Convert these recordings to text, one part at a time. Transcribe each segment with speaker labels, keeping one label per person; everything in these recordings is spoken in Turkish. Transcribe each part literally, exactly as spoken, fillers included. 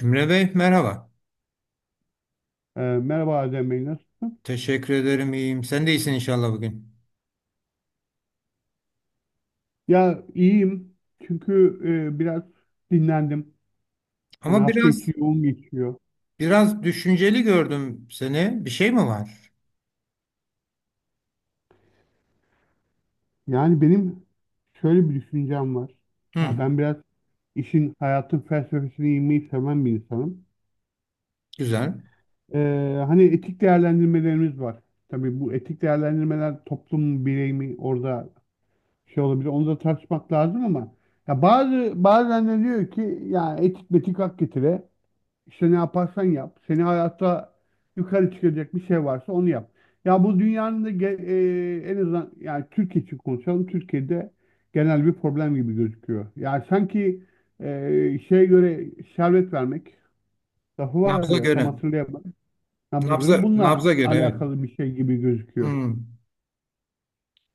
Speaker 1: Emre Bey merhaba.
Speaker 2: Ee, merhaba Adem Bey, nasılsın?
Speaker 1: Teşekkür ederim iyiyim. Sen de iyisin inşallah bugün.
Speaker 2: Ya iyiyim çünkü e, biraz dinlendim. Hani
Speaker 1: Ama
Speaker 2: hafta içi
Speaker 1: biraz
Speaker 2: yoğun geçiyor.
Speaker 1: biraz düşünceli gördüm seni. Bir şey mi var?
Speaker 2: Yani benim şöyle bir düşüncem var. Ya
Speaker 1: Hı,
Speaker 2: ben biraz işin hayatın felsefesine inmeyi seven bir insanım.
Speaker 1: güzel.
Speaker 2: Ee, hani etik değerlendirmelerimiz var. Tabii bu etik değerlendirmeler toplum mu, birey mi, orada şey olabilir. Onu da tartışmak lazım, ama ya bazı bazen de diyor ki ya etik metik hak getire. İşte ne yaparsan yap. Seni hayatta yukarı çıkacak bir şey varsa onu yap. Ya bu dünyanın da ge- e, En azından yani Türkiye için konuşalım. Türkiye'de genel bir problem gibi gözüküyor. Yani sanki e, şeye göre şerbet vermek lafı var
Speaker 1: Nabza
Speaker 2: ya, tam
Speaker 1: göre.
Speaker 2: hatırlayamadım. Nabza göre,
Speaker 1: Nabza
Speaker 2: bununla
Speaker 1: nabza göre evet.
Speaker 2: alakalı bir şey gibi gözüküyor.
Speaker 1: Hı.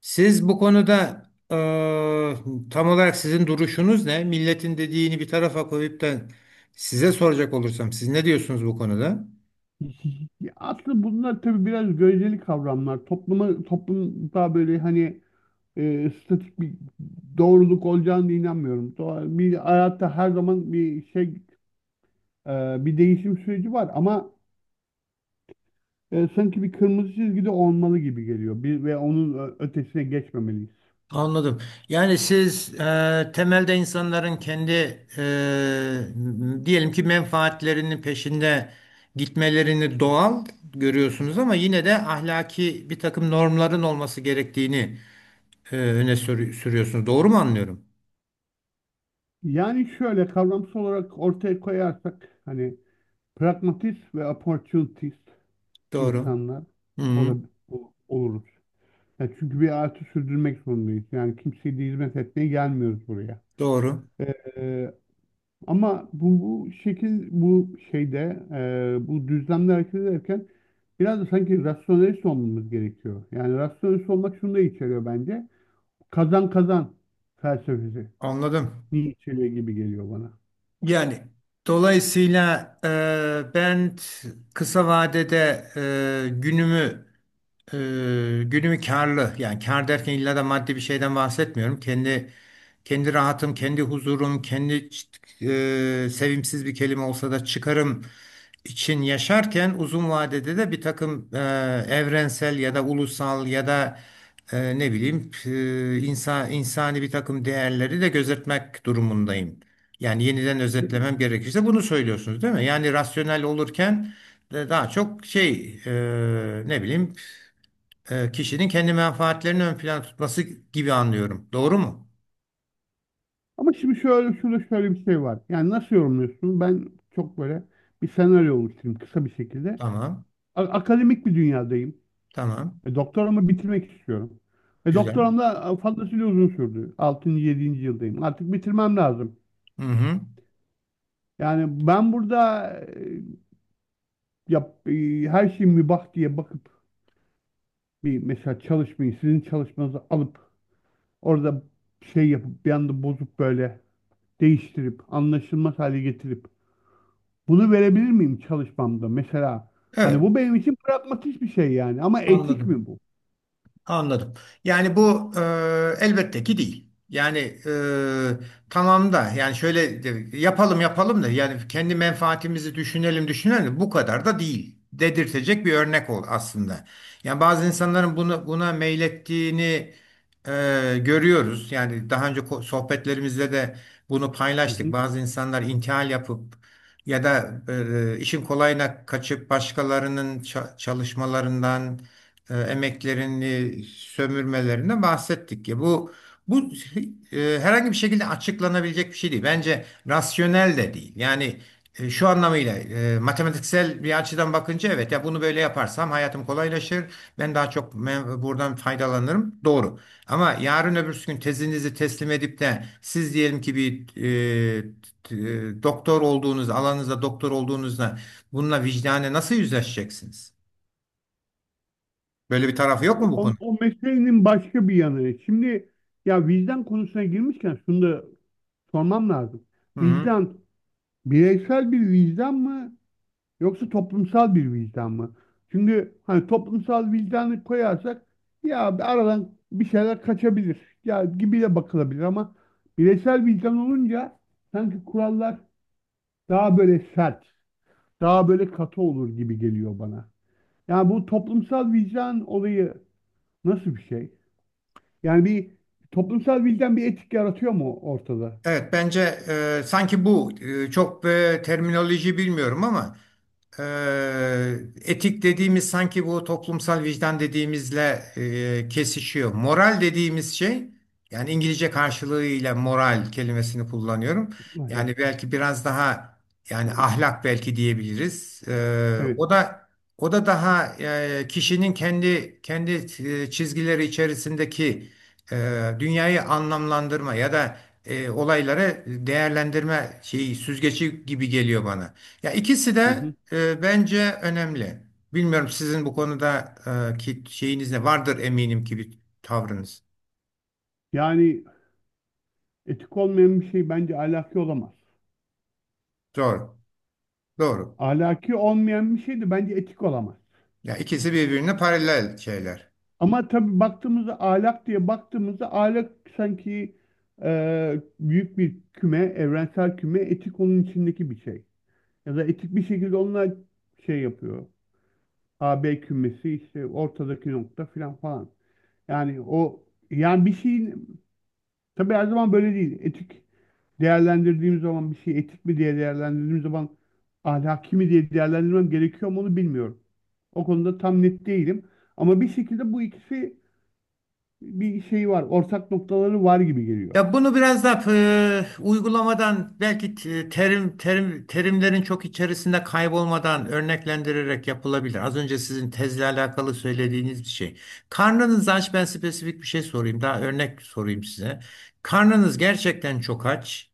Speaker 1: Siz bu konuda, e, tam olarak sizin duruşunuz ne? Milletin dediğini bir tarafa koyup da size soracak olursam siz ne diyorsunuz bu konuda?
Speaker 2: Ya aslında bunlar tabii biraz göreceli kavramlar. Topluma, toplumda böyle hani e, statik bir doğruluk olacağını da inanmıyorum. Doğa- Bir hayatta her zaman bir şey, e, bir değişim süreci var, ama e, sanki bir kırmızı çizgi de olmalı gibi geliyor. Bir ve onun ö- ötesine geçmemeliyiz.
Speaker 1: Anladım. Yani siz e, temelde insanların kendi, e, diyelim ki menfaatlerinin peşinde gitmelerini doğal görüyorsunuz ama yine de ahlaki bir takım normların olması gerektiğini e, öne sürü- sürüyorsunuz. Doğru mu anlıyorum?
Speaker 2: Yani şöyle kavramsal olarak ortaya koyarsak, hani, pragmatist ve opportunist
Speaker 1: Doğru.
Speaker 2: insanlar
Speaker 1: Hı, hı.
Speaker 2: olab- ol- oluruz. Ya çünkü bir hayatı sürdürmek zorundayız. Yani kimseye de hizmet etmeye gelmiyoruz buraya.
Speaker 1: Doğru.
Speaker 2: E, Ama bu, bu şekil bu şeyde e, bu düzlemde hareket ederken biraz da sanki rasyonelist olmamız gerekiyor. Yani rasyonelist olmak şunu da içeriyor bence. Kazan kazan felsefesi.
Speaker 1: Anladım.
Speaker 2: Ni içeriyor gibi geliyor bana.
Speaker 1: Yani dolayısıyla, e, ben t- kısa vadede, e, günümü e, günümü karlı, yani kar derken illa da maddi bir şeyden bahsetmiyorum. Kendi kendi rahatım, kendi huzurum, kendi ç- e, sevimsiz bir kelime olsa da çıkarım için yaşarken uzun vadede de bir takım e, evrensel ya da ulusal ya da, e, ne bileyim, e, insan insani bir takım değerleri de gözetmek durumundayım. Yani yeniden özetlemem gerekirse bunu söylüyorsunuz, değil mi? Yani rasyonel olurken de daha çok şey, e, ne bileyim, e, kişinin kendi menfaatlerini ön plana tutması gibi anlıyorum. Doğru mu?
Speaker 2: Ama şimdi şöyle, şurada şöyle bir şey var. Yani nasıl yorumluyorsun? Ben çok böyle bir senaryo oluşturayım kısa bir şekilde.
Speaker 1: Tamam.
Speaker 2: A- akademik bir dünyadayım.
Speaker 1: Tamam.
Speaker 2: E, doktoramı bitirmek istiyorum. E,
Speaker 1: Güzel.
Speaker 2: doktoram da e, fazlasıyla uzun sürdü. altıncı yedinci yıldayım. Artık bitirmem lazım.
Speaker 1: Hı hı.
Speaker 2: Yani ben burada e, yap, e, her şey mübah diye bakıp bir mesela çalışmayı, sizin çalışmanızı alıp orada şey yapıp, bir anda bozup, böyle değiştirip anlaşılmaz hale getirip bunu verebilir miyim çalışmamda mesela? Hani
Speaker 1: Evet.
Speaker 2: bu benim için pragmatik bir şey yani, ama etik mi
Speaker 1: Anladım.
Speaker 2: bu?
Speaker 1: Anladım. Yani bu, e, elbette ki değil. Yani, e, tamam da, yani şöyle de- yapalım yapalım da, yani kendi menfaatimizi düşünelim düşünelim de bu kadar da değil dedirtecek bir örnek ol aslında. Yani bazı insanların bunu, buna meylettiğini e, görüyoruz. Yani daha önce ko- sohbetlerimizde de bunu
Speaker 2: Hı
Speaker 1: paylaştık.
Speaker 2: hı.
Speaker 1: Bazı insanlar intihal yapıp ya da, e, işin kolayına kaçıp başkalarının ça- çalışmalarından e, emeklerini sömürmelerine bahsettik ya. Bu bu e, herhangi bir şekilde açıklanabilecek bir şey değil. Bence rasyonel de değil. Yani, e, şu anlamıyla, e, matematiksel bir açıdan bakınca, evet, ya bunu böyle yaparsam hayatım kolaylaşır. Ben daha çok me- buradan faydalanırım. Doğru. Ama yarın öbürsü gün tezinizi teslim edip de siz diyelim ki bir, e, t- e, doktor olduğunuz alanınızda doktor olduğunuzda bununla vicdane nasıl yüzleşeceksiniz? Böyle bir tarafı yok mu bu?
Speaker 2: O, o meselenin başka bir yanı. Şimdi, ya vicdan konusuna girmişken şunu da sormam lazım.
Speaker 1: Hı hı.
Speaker 2: Vicdan bireysel bir vicdan mı yoksa toplumsal bir vicdan mı? Çünkü hani toplumsal vicdanı koyarsak ya aradan bir şeyler kaçabilir ya gibi de bakılabilir, ama bireysel vicdan olunca sanki kurallar daha böyle sert, daha böyle katı olur gibi geliyor bana. Yani bu toplumsal vicdan olayı nasıl bir şey? Yani bir toplumsal bilden bir etik yaratıyor mu ortada?
Speaker 1: Evet bence, e, sanki bu, e, çok, e, terminoloji bilmiyorum ama, e, etik dediğimiz sanki bu toplumsal vicdan dediğimizle e, kesişiyor. Moral dediğimiz şey, yani İngilizce karşılığıyla moral kelimesini kullanıyorum.
Speaker 2: Ahlak.
Speaker 1: Yani belki biraz daha, yani ahlak belki diyebiliriz. E,
Speaker 2: Evet.
Speaker 1: o da o da daha, e, kişinin kendi kendi e, çizgileri içerisindeki e, dünyayı anlamlandırma ya da e, olaylara değerlendirme şeyi süzgeci gibi geliyor bana. Ya ikisi
Speaker 2: Hı
Speaker 1: de,
Speaker 2: hı.
Speaker 1: e, bence önemli. Bilmiyorum, sizin bu konuda e, ki şeyiniz ne vardır, eminim ki bir tavrınız.
Speaker 2: Yani etik olmayan bir şey bence ahlaki olamaz.
Speaker 1: Doğru. Doğru.
Speaker 2: Ahlaki olmayan bir şey de bence etik olamaz.
Speaker 1: Ya ikisi birbirine paralel şeyler.
Speaker 2: Ama tabii baktığımızda ahlak, diye baktığımızda ahlak sanki e, büyük bir küme, evrensel küme, etik onun içindeki bir şey. Ya da etik bir şekilde onunla şey yapıyor. A, B kümesi işte, ortadaki nokta filan falan. Yani o, yani bir şeyin. Tabii her zaman böyle değil. Etik değerlendirdiğim zaman, bir şey etik mi diye değerlendirdiğim zaman ahlaki mi diye değerlendirmem gerekiyor mu, onu bilmiyorum. O konuda tam net değilim. Ama bir şekilde bu ikisi, bir şey var. Ortak noktaları var gibi geliyor.
Speaker 1: Ya bunu biraz da e, uygulamadan belki, t- terim terim terimlerin çok içerisinde kaybolmadan örneklendirerek yapılabilir. Az önce sizin tezle alakalı söylediğiniz bir şey. Karnınız aç, ben spesifik bir şey sorayım. Daha örnek sorayım size. Karnınız gerçekten çok aç.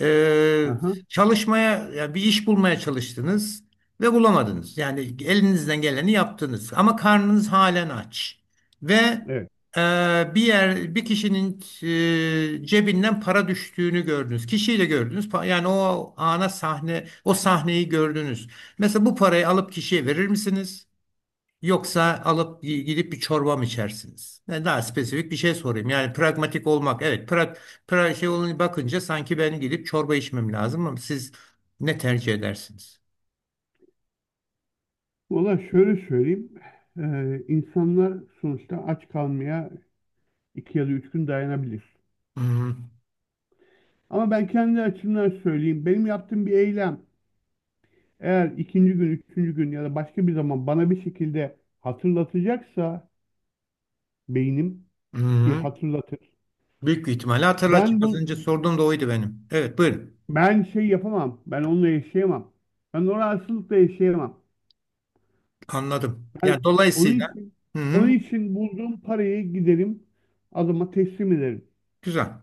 Speaker 1: Ee,
Speaker 2: Aha,
Speaker 1: çalışmaya ya Bir iş bulmaya çalıştınız ve bulamadınız. Yani elinizden geleni yaptınız ama karnınız halen aç ve,
Speaker 2: evet.
Speaker 1: e, bir yer bir kişinin e, cebinden para düştüğünü gördünüz. Kişiyi de gördünüz. Pa- Yani o ana sahne o sahneyi gördünüz. Mesela bu parayı alıp kişiye verir misiniz? Yoksa alıp gi- gidip bir çorba mı içersiniz? Yani daha spesifik bir şey sorayım. Yani pragmatik olmak. Evet, pra, pra şey olunca, bakınca sanki ben gidip çorba içmem lazım ama siz ne tercih edersiniz?
Speaker 2: Valla şöyle söyleyeyim. Ee, insanlar sonuçta aç kalmaya iki ya da üç gün dayanabilir.
Speaker 1: Hı hı.
Speaker 2: Ama ben kendi açımdan söyleyeyim. Benim yaptığım bir eylem, eğer ikinci gün, üçüncü gün ya da başka bir zaman bana bir şekilde hatırlatacaksa beynim,
Speaker 1: Hı
Speaker 2: ki
Speaker 1: hı.
Speaker 2: hatırlatır,
Speaker 1: Büyük bir ihtimalle
Speaker 2: Ben
Speaker 1: hatırlatacak. Az
Speaker 2: bu
Speaker 1: önce sorduğum da oydu benim. Evet, buyurun.
Speaker 2: ben şey yapamam. Ben onunla yaşayamam. Ben o rahatsızlıkla yaşayamam.
Speaker 1: Anladım.
Speaker 2: Ben
Speaker 1: Yani
Speaker 2: onun
Speaker 1: dolayısıyla.
Speaker 2: için,
Speaker 1: Hı hı.
Speaker 2: onun için bulduğum parayı giderim adama teslim ederim.
Speaker 1: Güzel.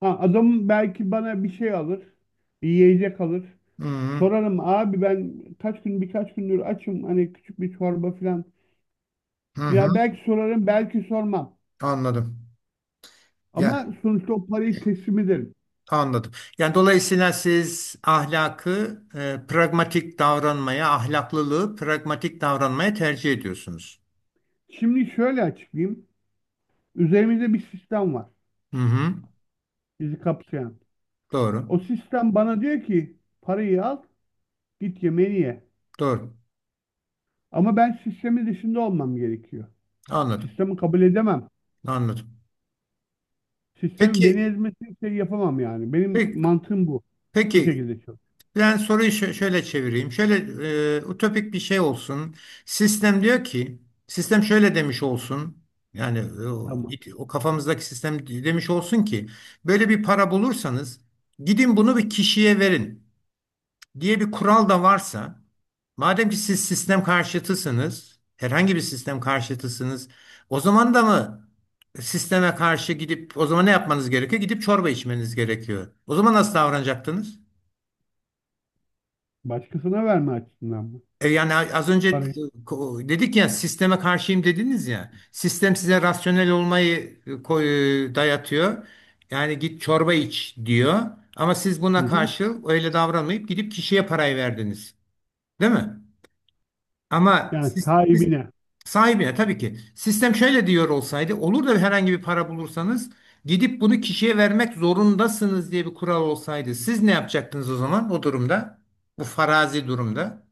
Speaker 2: Ha, adam belki bana bir şey alır, bir yiyecek alır.
Speaker 1: Hı hı.
Speaker 2: Sorarım, abi ben kaç gün birkaç gündür açım, hani küçük bir çorba falan.
Speaker 1: Hı hı.
Speaker 2: Ya belki sorarım, belki sormam.
Speaker 1: Anladım. Ya,
Speaker 2: Ama sonuçta o parayı teslim ederim.
Speaker 1: anladım. Yani dolayısıyla siz ahlakı, e, pragmatik davranmaya, ahlaklılığı pragmatik davranmaya tercih ediyorsunuz.
Speaker 2: Şimdi şöyle açıklayayım. Üzerimizde bir sistem var.
Speaker 1: Hı hı.
Speaker 2: Bizi kapsayan.
Speaker 1: Doğru.
Speaker 2: O sistem bana diyor ki parayı al, git yemeğini ye.
Speaker 1: Doğru.
Speaker 2: Ama ben sistemin dışında olmam gerekiyor.
Speaker 1: Anladım.
Speaker 2: Sistemi kabul edemem.
Speaker 1: Anladım.
Speaker 2: Sistemin beni
Speaker 1: Peki,
Speaker 2: ezmesini şey yapamam yani. Benim
Speaker 1: peki,
Speaker 2: mantığım bu. Bu
Speaker 1: peki.
Speaker 2: şekilde çalışıyor.
Speaker 1: Ben soruyu şö- şöyle çevireyim. Şöyle, e, ütopik bir şey olsun. Sistem diyor ki, sistem şöyle demiş olsun. Yani e, o,
Speaker 2: Tamam.
Speaker 1: o kafamızdaki sistem demiş olsun ki, böyle bir para bulursanız gidin bunu bir kişiye verin diye bir kural da varsa, madem ki siz sistem karşıtısınız, herhangi bir sistem karşıtısınız, o zaman da mı sisteme karşı gidip, o zaman ne yapmanız gerekiyor? Gidip çorba içmeniz gerekiyor. O zaman nasıl davranacaktınız?
Speaker 2: Başkasına verme açısından mı?
Speaker 1: E yani az önce,
Speaker 2: Parayı.
Speaker 1: e, dedik ya, sisteme karşıyım dediniz ya. Sistem size rasyonel olmayı, e, koy- e, dayatıyor. Yani git çorba iç diyor. Ama siz
Speaker 2: Hı
Speaker 1: buna
Speaker 2: hı.
Speaker 1: karşı öyle davranmayıp gidip kişiye parayı verdiniz. Değil mi? Ama
Speaker 2: Yani
Speaker 1: siz, siz
Speaker 2: sahibine.
Speaker 1: sahibine, tabii ki. Sistem şöyle diyor olsaydı, olur da herhangi bir para bulursanız gidip bunu kişiye vermek zorundasınız diye bir kural olsaydı, siz ne yapacaktınız o zaman o durumda? Bu farazi durumda.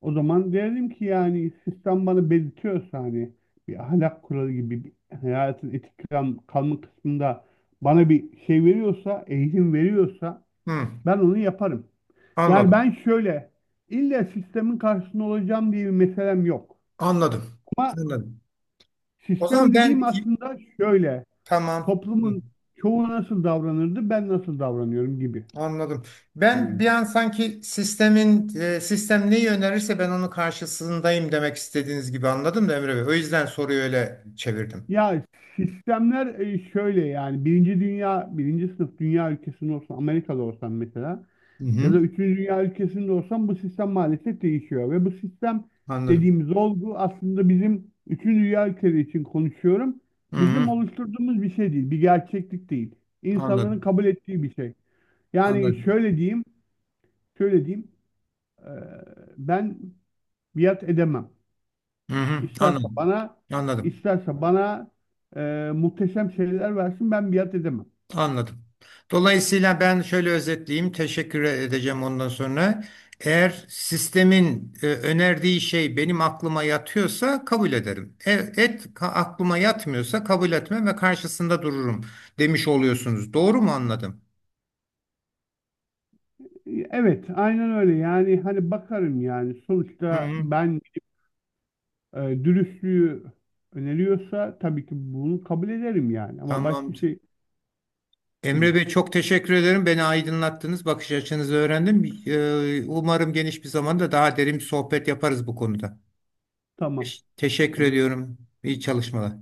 Speaker 2: O zaman derdim ki, yani sistem bana belirtiyorsa hani bir ahlak kuralı gibi, bir hayatın etik kal- kalma kısmında bana bir şey veriyorsa, eğitim veriyorsa,
Speaker 1: Hı,
Speaker 2: ben onu yaparım. Yani
Speaker 1: anladım.
Speaker 2: ben şöyle, illa sistemin karşısında olacağım diye bir meselem yok.
Speaker 1: Anladım.
Speaker 2: Ama
Speaker 1: Anladım. O
Speaker 2: sistem
Speaker 1: zaman
Speaker 2: dediğim
Speaker 1: ben,
Speaker 2: aslında şöyle,
Speaker 1: tamam. Hı,
Speaker 2: toplumun çoğu nasıl davranırdı, ben nasıl davranıyorum gibi
Speaker 1: anladım.
Speaker 2: bir
Speaker 1: Ben bir
Speaker 2: denge.
Speaker 1: an sanki sistemin e, sistem neyi önerirse ben onun karşısındayım demek istediğiniz gibi anladım da Emre Bey. O yüzden soruyu öyle çevirdim.
Speaker 2: Ya sistemler, e, şöyle, yani birinci dünya birinci sınıf dünya ülkesinde olsan, Amerika'da olsan mesela,
Speaker 1: Hı
Speaker 2: ya
Speaker 1: hı,
Speaker 2: da üçüncü dünya ülkesinde olsan bu sistem maalesef değişiyor, ve bu sistem
Speaker 1: anladım.
Speaker 2: dediğimiz olgu aslında, bizim üçüncü dünya ülkeleri için konuşuyorum,
Speaker 1: Hı
Speaker 2: bizim
Speaker 1: hı,
Speaker 2: oluşturduğumuz bir şey değil, bir gerçeklik değil, insanların
Speaker 1: anladım.
Speaker 2: kabul ettiği bir şey. Yani
Speaker 1: Anladım.
Speaker 2: şöyle diyeyim, şöyle diyeyim e, ben biat edemem.
Speaker 1: Hı hı,
Speaker 2: İsterse
Speaker 1: anladım.
Speaker 2: bana,
Speaker 1: Anladım.
Speaker 2: isterse bana e, muhteşem şeyler versin, ben biat edemem.
Speaker 1: Anladım. Dolayısıyla ben şöyle özetleyeyim. Teşekkür edeceğim ondan sonra. Eğer sistemin e, önerdiği şey benim aklıma yatıyorsa kabul ederim. E, et ka- aklıma yatmıyorsa kabul etmem ve karşısında dururum demiş oluyorsunuz. Doğru mu anladım?
Speaker 2: E, Evet, aynen öyle. Yani hani bakarım, yani
Speaker 1: Hı
Speaker 2: sonuçta
Speaker 1: hı,
Speaker 2: ben e, dürüstlüğü öneriyorsa tabii ki bunu kabul ederim yani, ama başka
Speaker 1: tamamdır.
Speaker 2: şey
Speaker 1: Emre
Speaker 2: gibi.
Speaker 1: Bey çok teşekkür ederim. Beni aydınlattınız. Bakış açınızı öğrendim. E, umarım geniş bir zamanda daha derin bir sohbet yaparız bu konuda.
Speaker 2: Tamam.
Speaker 1: Teş- Teşekkür
Speaker 2: Tabii.
Speaker 1: ediyorum. İyi çalışmalar.